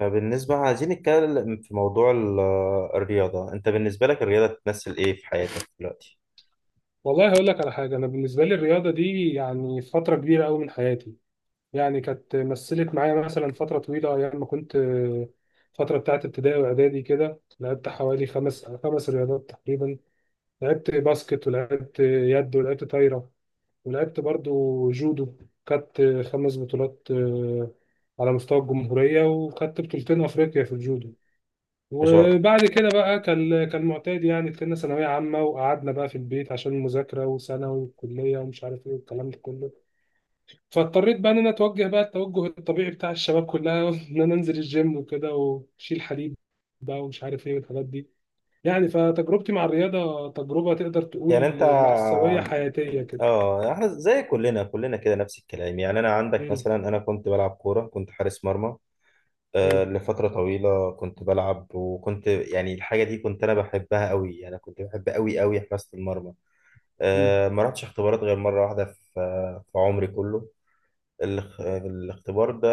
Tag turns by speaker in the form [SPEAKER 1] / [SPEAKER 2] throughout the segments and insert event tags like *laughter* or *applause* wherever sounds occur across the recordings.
[SPEAKER 1] بالنسبة عايزين نتكلم في موضوع الرياضة. أنت بالنسبة لك الرياضة بتمثل إيه في حياتك دلوقتي؟
[SPEAKER 2] والله هقول لك على حاجة. أنا بالنسبة لي الرياضة دي يعني فترة كبيرة أوي من حياتي. يعني كانت مثلت معايا مثلا فترة طويلة أيام ما كنت، فترة بتاعت ابتدائي وإعدادي كده لعبت حوالي خمس رياضات تقريبا. لعبت باسكت ولعبت يد ولعبت طايرة، ولعبت برضو جودو. خدت خمس بطولات، على مستوى الجمهورية، وخدت بطولتين أفريقيا في الجودو.
[SPEAKER 1] مش هو-
[SPEAKER 2] وبعد كده بقى كان معتاد يعني، دخلنا ثانوية عامة وقعدنا بقى في البيت عشان المذاكرة وثانوي وكلية ومش عارف ايه والكلام ده كله. فاضطريت بقى ان انا اتوجه بقى التوجه الطبيعي بتاع الشباب كلها *laughs* ان انا انزل الجيم وكده وشيل حديد بقى ومش عارف ايه والحاجات دي. يعني فتجربتي مع الرياضة تجربة تقدر تقول
[SPEAKER 1] يعني أنت
[SPEAKER 2] مأساوية حياتية كده.
[SPEAKER 1] آه، إحنا زي كلنا كده نفس الكلام. يعني أنا عندك
[SPEAKER 2] امم.
[SPEAKER 1] مثلا، أنا كنت بلعب كورة، كنت حارس مرمى آه
[SPEAKER 2] امم.
[SPEAKER 1] لفترة طويلة. كنت بلعب وكنت يعني الحاجة دي كنت أنا بحبها أوي، يعني كنت بحب أوي حراسة المرمى.
[SPEAKER 2] امم.
[SPEAKER 1] آه، ما رحتش اختبارات غير مرة واحدة في في عمري كله. الاختبار ده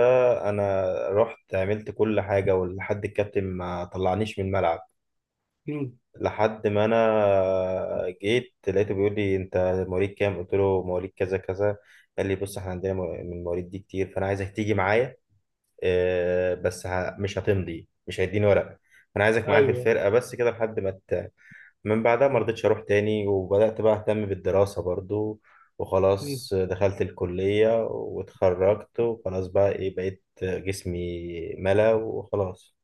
[SPEAKER 1] انا رحت عملت كل حاجة، ولحد الكابتن ما طلعنيش من الملعب،
[SPEAKER 2] امم.
[SPEAKER 1] لحد ما انا جيت لقيته بيقول لي: انت مواليد كام؟ قلت له مواليد كذا كذا. قال لي: بص، احنا عندنا من المواليد دي كتير، فانا عايزك تيجي معايا. آه، بس مش هتمضي، مش هيديني ورقة، انا عايزك معايا في
[SPEAKER 2] ايوه.
[SPEAKER 1] الفرقة، بس كده لحد ما من بعدها ما رضيتش اروح تاني، وبدأت بقى اهتم بالدراسة برضو،
[SPEAKER 2] مم.
[SPEAKER 1] وخلاص دخلت الكلية واتخرجت، وخلاص بقى ايه، بقيت جسمي ملا وخلاص.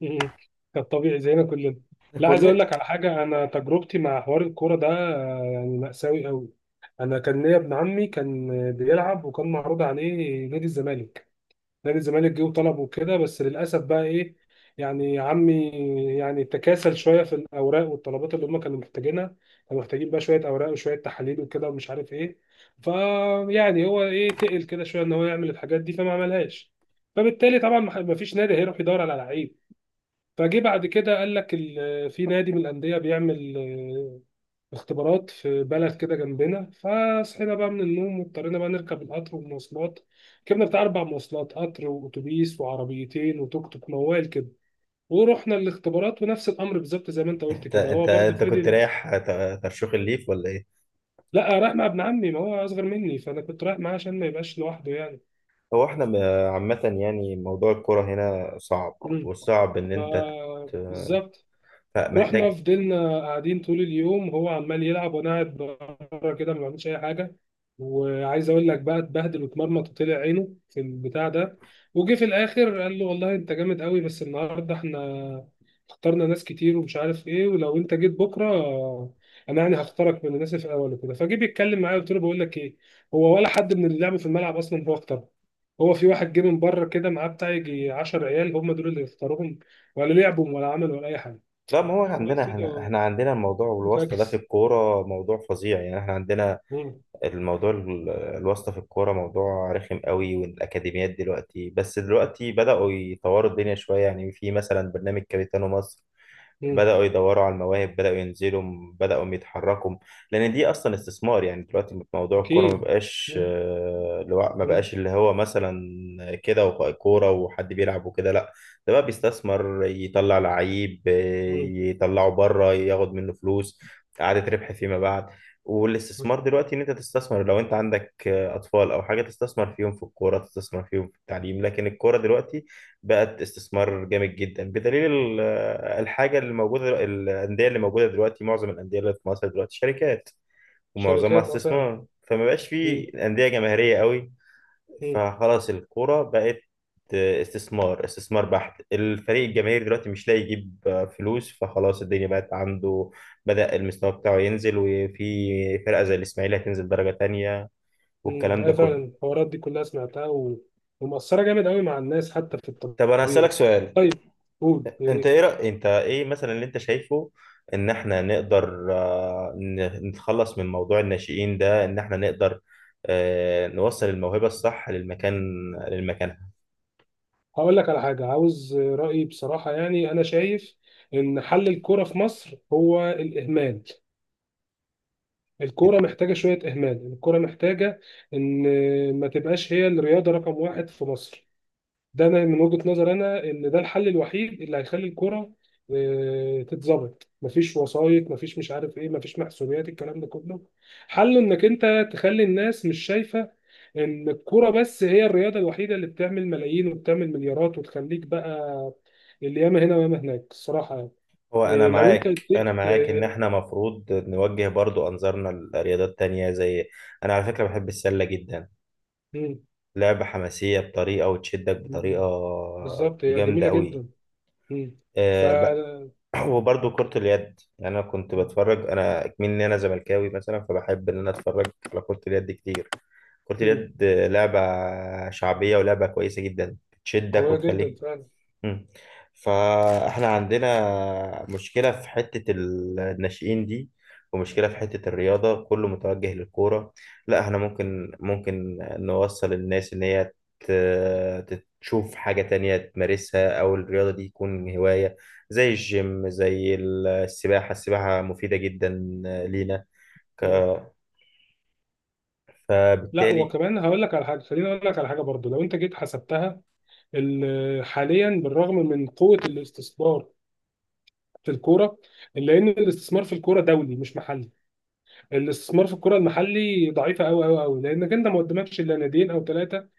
[SPEAKER 2] مم. كان طبيعي زينا كلنا. لا عايز
[SPEAKER 1] كل
[SPEAKER 2] اقول لك على حاجه، انا تجربتي مع حوار الكوره ده يعني مأساوي قوي. انا كان ليا ابن عمي كان بيلعب وكان معروض عليه نادي الزمالك. نادي الزمالك جه وطلبه كده، بس للاسف بقى ايه، يعني عمي يعني تكاسل شويه في الاوراق والطلبات اللي هم كانوا محتاجينها. كانوا محتاجين بقى شويه اوراق وشويه تحاليل وكده ومش عارف ايه. فيعني هو ايه، تقل كده شويه ان هو يعمل الحاجات دي فما عملهاش. فبالتالي طبعا ما فيش نادي هيروح يدور على لعيب. فجه بعد كده قال لك في نادي من الانديه بيعمل اختبارات في بلد كده جنبنا. فصحينا بقى من النوم واضطرينا بقى نركب القطر والمواصلات. ركبنا بتاع اربع مواصلات، قطر واتوبيس وعربيتين وتوك توك موال كده. ورحنا الاختبارات ونفس الامر بالظبط زي ما انت قلت
[SPEAKER 1] انت
[SPEAKER 2] كده، هو
[SPEAKER 1] انت
[SPEAKER 2] برضه
[SPEAKER 1] انت كنت
[SPEAKER 2] فضل.
[SPEAKER 1] رايح ترشيخ الليف ولا ايه؟
[SPEAKER 2] لا رايح مع ابن عمي، ما هو اصغر مني فانا كنت رايح معاه عشان ما يبقاش لوحده يعني.
[SPEAKER 1] هو احنا ب- عامة يعني موضوع الكرة هنا صعب،
[SPEAKER 2] مم.
[SPEAKER 1] والصعب ان انت ت-
[SPEAKER 2] فبالظبط، رحنا
[SPEAKER 1] محتاج.
[SPEAKER 2] فضلنا قاعدين طول اليوم، هو عمال يلعب وانا قاعد بره كده ما بعملش اي حاجه. وعايز اقول لك بقى، اتبهدل واتمرمط وطلع عينه في البتاع ده. وجه في الاخر قال له والله انت جامد قوي بس النهارده احنا اخترنا ناس كتير ومش عارف ايه، ولو انت جيت بكره انا يعني هختارك من الناس في الاول وكده. فجه بيتكلم معايا قلت له بقول لك ايه، هو ولا حد من اللي لعبوا في الملعب اصلا هو اختاره. هو في واحد جه من بره كده معاه بتاع يجي 10 عيال هم دول اللي اختاروهم. ولا لعبوا ولا عملوا ولا اي حاجه.
[SPEAKER 1] لا، ما هو عندنا،
[SPEAKER 2] قلت
[SPEAKER 1] احنا
[SPEAKER 2] له
[SPEAKER 1] احنا عندنا الموضوع والواسطة ده في
[SPEAKER 2] فاكس.
[SPEAKER 1] الكورة موضوع فظيع. يعني احنا عندنا
[SPEAKER 2] مم.
[SPEAKER 1] الموضوع الواسطة في الكورة موضوع رخم قوي. والأكاديميات دلوقتي، بس دلوقتي بدأوا يطوروا الدنيا شوية، يعني في مثلا برنامج كابيتانو مصر،
[SPEAKER 2] مم.
[SPEAKER 1] بدأوا يدوروا على المواهب، بدأوا ينزلوا، بدأوا يتحركوا، لأن دي أصلا استثمار. يعني دلوقتي موضوع الكورة ما
[SPEAKER 2] أكيد.
[SPEAKER 1] بقاش
[SPEAKER 2] مم.
[SPEAKER 1] آه، ما
[SPEAKER 2] مم.
[SPEAKER 1] بقاش اللي هو مثلا كده، وبقى كورة وحد بيلعب وكده، لا، ده بقى بيستثمر، يطلع لعيب آه،
[SPEAKER 2] مم.
[SPEAKER 1] يطلعه بره، ياخد منه فلوس، إعادة ربح فيما بعد.
[SPEAKER 2] مم.
[SPEAKER 1] والاستثمار دلوقتي إن أنت تستثمر، لو أنت عندك آه، أطفال أو حاجة، تستثمر فيهم في الكورة، تستثمر فيهم في التعليم. لكن الكورة دلوقتي بقت استثمار جامد جدا، بدليل الحاجه اللي موجوده، الانديه اللي موجوده دلوقتي، معظم الانديه اللي في مصر دلوقتي شركات، ومعظمها
[SPEAKER 2] شركات، أه فعلا.
[SPEAKER 1] استثمار، فما بقاش في
[SPEAKER 2] مم.
[SPEAKER 1] انديه جماهيريه قوي.
[SPEAKER 2] مم.
[SPEAKER 1] فخلاص الكوره بقت استثمار بحت. الفريق الجماهيري دلوقتي مش لاقي يجيب فلوس، فخلاص الدنيا بقت عنده، بدأ المستوى بتاعه ينزل، وفي فرقة زي الإسماعيلي هتنزل درجة تانية،
[SPEAKER 2] مم.
[SPEAKER 1] والكلام
[SPEAKER 2] أيوة
[SPEAKER 1] ده
[SPEAKER 2] فعلا،
[SPEAKER 1] كله.
[SPEAKER 2] الحوارات دي كلها سمعتها، و... ومؤثرة جامد أوي مع الناس حتى في
[SPEAKER 1] طب أنا هسألك
[SPEAKER 2] الطبيعي.
[SPEAKER 1] سؤال.
[SPEAKER 2] طيب، قول يا
[SPEAKER 1] انت ايه
[SPEAKER 2] ريت.
[SPEAKER 1] رأي، انت ايه مثلا اللي انت شايفه ان احنا نقدر آه، نتخلص من موضوع الناشئين ده؟ ان احنا نقدر آه، نوصل الموهبة الصح للمكان، للمكانها.
[SPEAKER 2] هقول لك على حاجة عاوز رأيي بصراحة. يعني أنا شايف إن حل الكورة في مصر هو الإهمال. الكورة محتاجة شوية إهمال. الكورة محتاجة إن ما تبقاش هي الرياضة رقم واحد في مصر. ده انا من وجهة نظر انا ان ده الحل الوحيد اللي هيخلي الكرة تتظبط. مفيش وسايط، مفيش مش عارف ايه، مفيش محسوبيات الكلام ده كله. حله انك انت تخلي الناس مش شايفة ان الكرة بس هي الرياضة الوحيدة اللي بتعمل ملايين وبتعمل مليارات وتخليك بقى اللي ياما هنا وياما هناك، الصراحة يعني.
[SPEAKER 1] هو انا
[SPEAKER 2] لو انت
[SPEAKER 1] معاك، انا
[SPEAKER 2] اديت
[SPEAKER 1] معاك ان احنا مفروض نوجه برضو انظارنا لرياضات تانية زي، انا على فكرة بحب السلة جدا،
[SPEAKER 2] مم.
[SPEAKER 1] لعبة حماسية بطريقة، وتشدك بطريقة
[SPEAKER 2] مم. بالظبط هي
[SPEAKER 1] جامدة
[SPEAKER 2] جميلة
[SPEAKER 1] قوي.
[SPEAKER 2] جدا. مم. ف،
[SPEAKER 1] وبرضه كرة اليد، يعني أنا كنت بتفرج أنا كمان، إن أنا زملكاوي مثلا، فبحب إن أنا أتفرج على كرة اليد كتير. كرة
[SPEAKER 2] مم،
[SPEAKER 1] اليد لعبة شعبية، ولعبة كويسة جدا، بتشدك
[SPEAKER 2] قوية جدا
[SPEAKER 1] وتخليك.
[SPEAKER 2] فعلا.
[SPEAKER 1] مم. فاحنا عندنا مشكلة في حتة الناشئين دي، ومشكلة في حتة الرياضة كله متوجه للكورة. لا، احنا ممكن، ممكن نوصل الناس ان هي تشوف حاجة تانية تمارسها، او الرياضة دي تكون هواية، زي الجيم، زي السباحة. السباحة مفيدة جدا لينا،
[SPEAKER 2] لا
[SPEAKER 1] فبالتالي.
[SPEAKER 2] وكمان هقول لك على حاجه، خليني اقول لك على حاجه برضو، لو انت جيت حسبتها حاليا بالرغم من قوه الاستثمار في الكوره، الا ان الاستثمار في الكوره دولي مش محلي. الاستثمار في الكوره المحلي ضعيفه قوي قوي قوي، لانك انت ما قدامكش الا ناديين او ثلاثه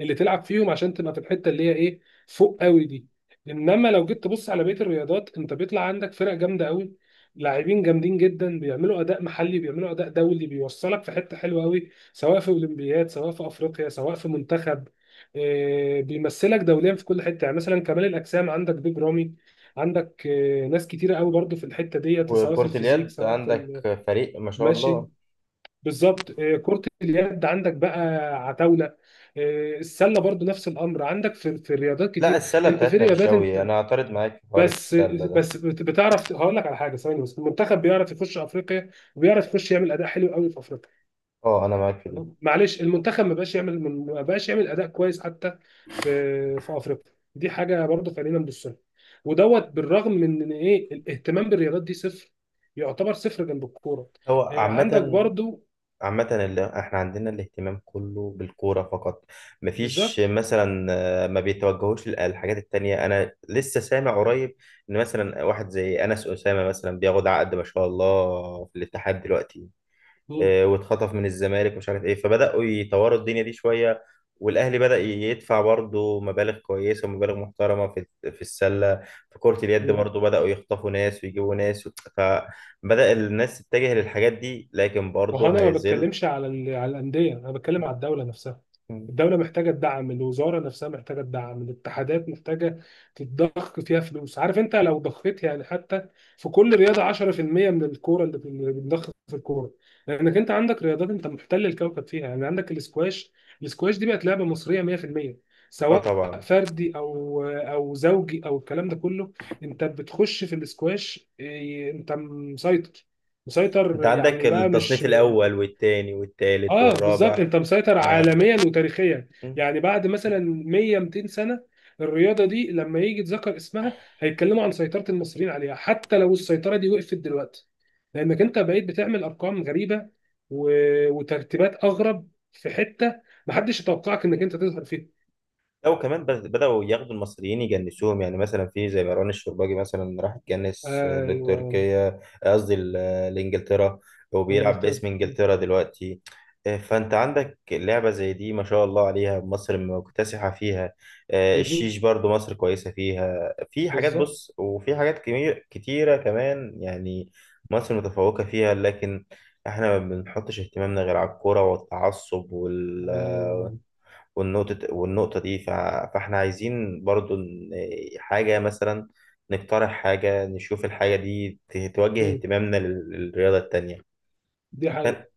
[SPEAKER 2] اللي تلعب فيهم عشان تبقى في الحته اللي هي ايه، فوق قوي دي. انما لو جيت تبص على بقيه الرياضات، انت بيطلع عندك فرق جامده قوي، لاعبين جامدين جدا بيعملوا اداء محلي بيعملوا اداء دولي بيوصلك في حته حلوه قوي، سواء في اولمبياد سواء في افريقيا سواء في منتخب، بيمثلك دوليا في كل حته. يعني مثلا كمال الاجسام عندك بيج رامي، عندك ناس كتيره قوي برضو في الحته ديت، سواء في
[SPEAKER 1] وكرة
[SPEAKER 2] الفيزيك
[SPEAKER 1] اليد
[SPEAKER 2] سواء
[SPEAKER 1] عندك
[SPEAKER 2] في
[SPEAKER 1] فريق ما شاء
[SPEAKER 2] المشي.
[SPEAKER 1] الله.
[SPEAKER 2] بالظبط. كرة اليد عندك بقى عتاولة. السلة برضو نفس الأمر. عندك في في الرياضات
[SPEAKER 1] لا،
[SPEAKER 2] كتير
[SPEAKER 1] السلة
[SPEAKER 2] أنت، في
[SPEAKER 1] بتاعتنا مش
[SPEAKER 2] رياضات
[SPEAKER 1] قوي،
[SPEAKER 2] أنت
[SPEAKER 1] انا اعترض معاك في حوار
[SPEAKER 2] بس
[SPEAKER 1] السلة ده.
[SPEAKER 2] بتعرف هقول لك على حاجة ثواني بس، المنتخب بيعرف يخش أفريقيا وبيعرف يخش يعمل أداء حلو قوي في أفريقيا.
[SPEAKER 1] اه، انا معاك في دي.
[SPEAKER 2] تمام؟ معلش، المنتخب ما بقاش يعمل أداء كويس حتى في في أفريقيا. دي حاجة برضو خلينا نبص لها. ودوت بالرغم من إن إيه، الاهتمام بالرياضات دي صفر، يعتبر صفر جنب الكورة.
[SPEAKER 1] هو
[SPEAKER 2] عندك
[SPEAKER 1] عامة،
[SPEAKER 2] برضو
[SPEAKER 1] عامة اللي احنا عندنا الاهتمام كله بالكورة فقط، مفيش
[SPEAKER 2] بالظبط.
[SPEAKER 1] مثلا آه، ما بيتوجهوش للحاجات التانية. انا لسه سامع قريب ان مثلا واحد زي انس اسامة مثلا بياخد عقد ما شاء الله في الاتحاد دلوقتي، آه، واتخطف من الزمالك ومش عارف ايه، فبداوا يطوروا الدنيا دي شويه. والاهلي بدا يدفع برضه مبالغ كويسه ومبالغ محترمه في في السله، في كره اليد
[SPEAKER 2] مم.
[SPEAKER 1] برضه بداوا يخطفوا ناس ويجيبوا ناس. فبدا الناس تتجه للحاجات دي، لكن
[SPEAKER 2] ما هو
[SPEAKER 1] برضه
[SPEAKER 2] انا ما
[SPEAKER 1] هيظل.
[SPEAKER 2] بتكلمش على على الانديه، انا بتكلم على الدوله نفسها. الدوله محتاجه الدعم، الوزاره نفسها محتاجه الدعم، الاتحادات محتاجه تتضخ فيها فلوس. عارف انت لو ضخيت يعني حتى في كل رياضه 10% من الكوره اللي بنضخ في الكوره، لانك انت عندك رياضات انت محتل الكوكب فيها. يعني عندك الاسكواش، الاسكواش دي بقت لعبه مصريه 100%،
[SPEAKER 1] اه
[SPEAKER 2] سواء
[SPEAKER 1] طبعا.
[SPEAKER 2] فردي او زوجي او الكلام ده كله. انت بتخش في الاسكواش إيه، انت مسيطر.
[SPEAKER 1] انت
[SPEAKER 2] مسيطر
[SPEAKER 1] عندك
[SPEAKER 2] يعني بقى مش،
[SPEAKER 1] التصنيف الاول والتاني والتالت
[SPEAKER 2] اه بالظبط،
[SPEAKER 1] والرابع
[SPEAKER 2] انت مسيطر
[SPEAKER 1] من
[SPEAKER 2] عالميا
[SPEAKER 1] عندك.
[SPEAKER 2] وتاريخيا. يعني بعد مثلا 100 200 سنه، الرياضه دي لما يجي يتذكر اسمها هيتكلموا عن سيطره المصريين عليها، حتى لو السيطره دي وقفت دلوقتي، لانك انت بقيت بتعمل ارقام غريبه، و... وترتيبات اغرب في حته محدش يتوقعك انك انت تظهر فيها.
[SPEAKER 1] لا، وكمان بدأوا ياخدوا المصريين يجنسوهم، يعني مثلا في زي مروان الشرباجي مثلا راح اتجنس
[SPEAKER 2] ايوه.
[SPEAKER 1] لتركيا، قصدي لإنجلترا، وبيلعب
[SPEAKER 2] انجلترا.
[SPEAKER 1] باسم إنجلترا دلوقتي. آه، فأنت عندك لعبة زي دي ما شاء الله عليها، مصر مكتسحة فيها. آه،
[SPEAKER 2] مهم.
[SPEAKER 1] الشيش برضو مصر كويسة فيها. في حاجات
[SPEAKER 2] بالظبط.
[SPEAKER 1] بص، وفي حاجات كتيرة كمان يعني مصر متفوقة فيها. لكن احنا ما بنحطش اهتمامنا غير على الكورة والتعصب،
[SPEAKER 2] ايوه.
[SPEAKER 1] والنقطة والنقطة دي فاحنا عايزين برضو حاجة مثلا، نقترح حاجة، نشوف الحاجة دي توجه
[SPEAKER 2] مم.
[SPEAKER 1] اهتمامنا للرياضة التانية.
[SPEAKER 2] دي حقيقة.
[SPEAKER 1] ف...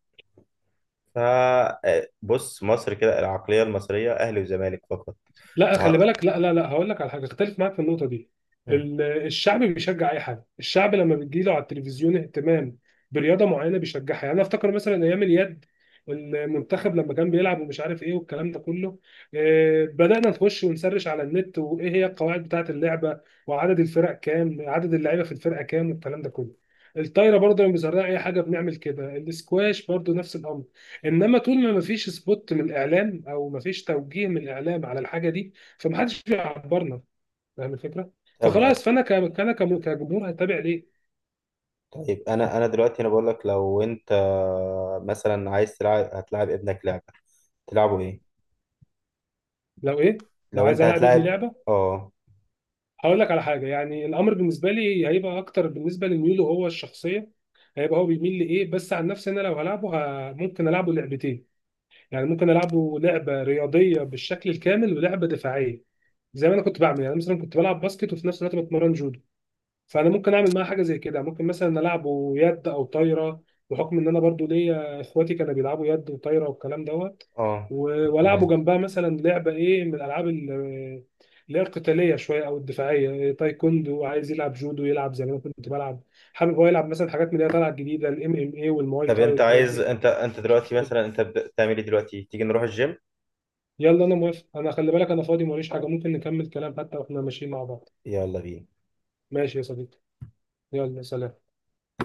[SPEAKER 1] آه، بص مصر كده، العقلية المصرية أهلي وزمالك فقط.
[SPEAKER 2] لا خلي
[SPEAKER 1] وه-
[SPEAKER 2] بالك، لا لا لا هقول لك على حاجه، اختلف معاك في النقطه دي.
[SPEAKER 1] مم.
[SPEAKER 2] الشعب بيشجع اي حاجه. الشعب لما بتجي له على التلفزيون اهتمام برياضه معينه بيشجعها. يعني انا افتكر مثلا ايام اليد، المنتخب لما كان بيلعب ومش عارف ايه والكلام ده كله، بدانا نخش ونسرش على النت وايه هي القواعد بتاعه اللعبه وعدد الفرق كام عدد اللعيبه في الفرقه كام والكلام ده كله. الطايره برضه لما بيزرعوا اي حاجه بنعمل كده. الاسكواش برضه نفس الامر. انما طول ما مفيش سبوت من الاعلام او مفيش توجيه من الاعلام على الحاجه دي، فمحدش بيعبرنا. فاهم الفكره.
[SPEAKER 1] طب
[SPEAKER 2] فخلاص فانا كجمهور هتابع ليه.
[SPEAKER 1] طيب أنا، أنا دلوقتي أنا بقول لك: لو أنت مثلا عايز تلعب، هتلعب ابنك لعبة، تلعبه إيه؟
[SPEAKER 2] لو ايه؟ لو
[SPEAKER 1] لو
[SPEAKER 2] عايز
[SPEAKER 1] أنت
[SPEAKER 2] العب ابني
[SPEAKER 1] هتلعب
[SPEAKER 2] لعبه،
[SPEAKER 1] آه.
[SPEAKER 2] هقول لك على حاجه. يعني الامر بالنسبه لي هيبقى اكتر بالنسبه لميوله هو الشخصيه، هيبقى هو بيميل لايه. بس عن نفسي انا لو هلعبه، ممكن العبه لعبتين. يعني ممكن العبه لعبه رياضيه بالشكل الكامل ولعبه دفاعيه، زي ما انا كنت بعمل. يعني مثلا كنت بلعب باسكت وفي نفس الوقت بتمرن جودو. فانا ممكن اعمل معاه حاجه زي كده، ممكن مثلا العبه يد او طايره، بحكم ان انا برضو ليا اخواتي كانوا بيلعبوا يد وطايره والكلام دوت.
[SPEAKER 1] آه.
[SPEAKER 2] والعبوا
[SPEAKER 1] تمام.
[SPEAKER 2] جنبها مثلا لعبه ايه من الالعاب اللي هي القتاليه شويه او الدفاعيه، إيه، تايكوندو. عايز يلعب جودو يلعب زي ما انا كنت بلعب. حابب هو يلعب مثلا حاجات من اللي هي طالعه الجديده، الام ام اي والمواي
[SPEAKER 1] طب
[SPEAKER 2] تاي
[SPEAKER 1] أنت
[SPEAKER 2] والحاجات
[SPEAKER 1] عايز،
[SPEAKER 2] دي.
[SPEAKER 1] أنت
[SPEAKER 2] مش
[SPEAKER 1] دلوقتي مثلا
[SPEAKER 2] مشكله،
[SPEAKER 1] أنت بتعمل إيه دلوقتي؟ تيجي نروح الجيم؟
[SPEAKER 2] يلا انا موافق. انا خلي بالك انا فاضي ماليش حاجه، ممكن نكمل كلام حتى واحنا ماشيين مع بعض.
[SPEAKER 1] يلا بينا.
[SPEAKER 2] ماشي يا صديقي، يلا سلام.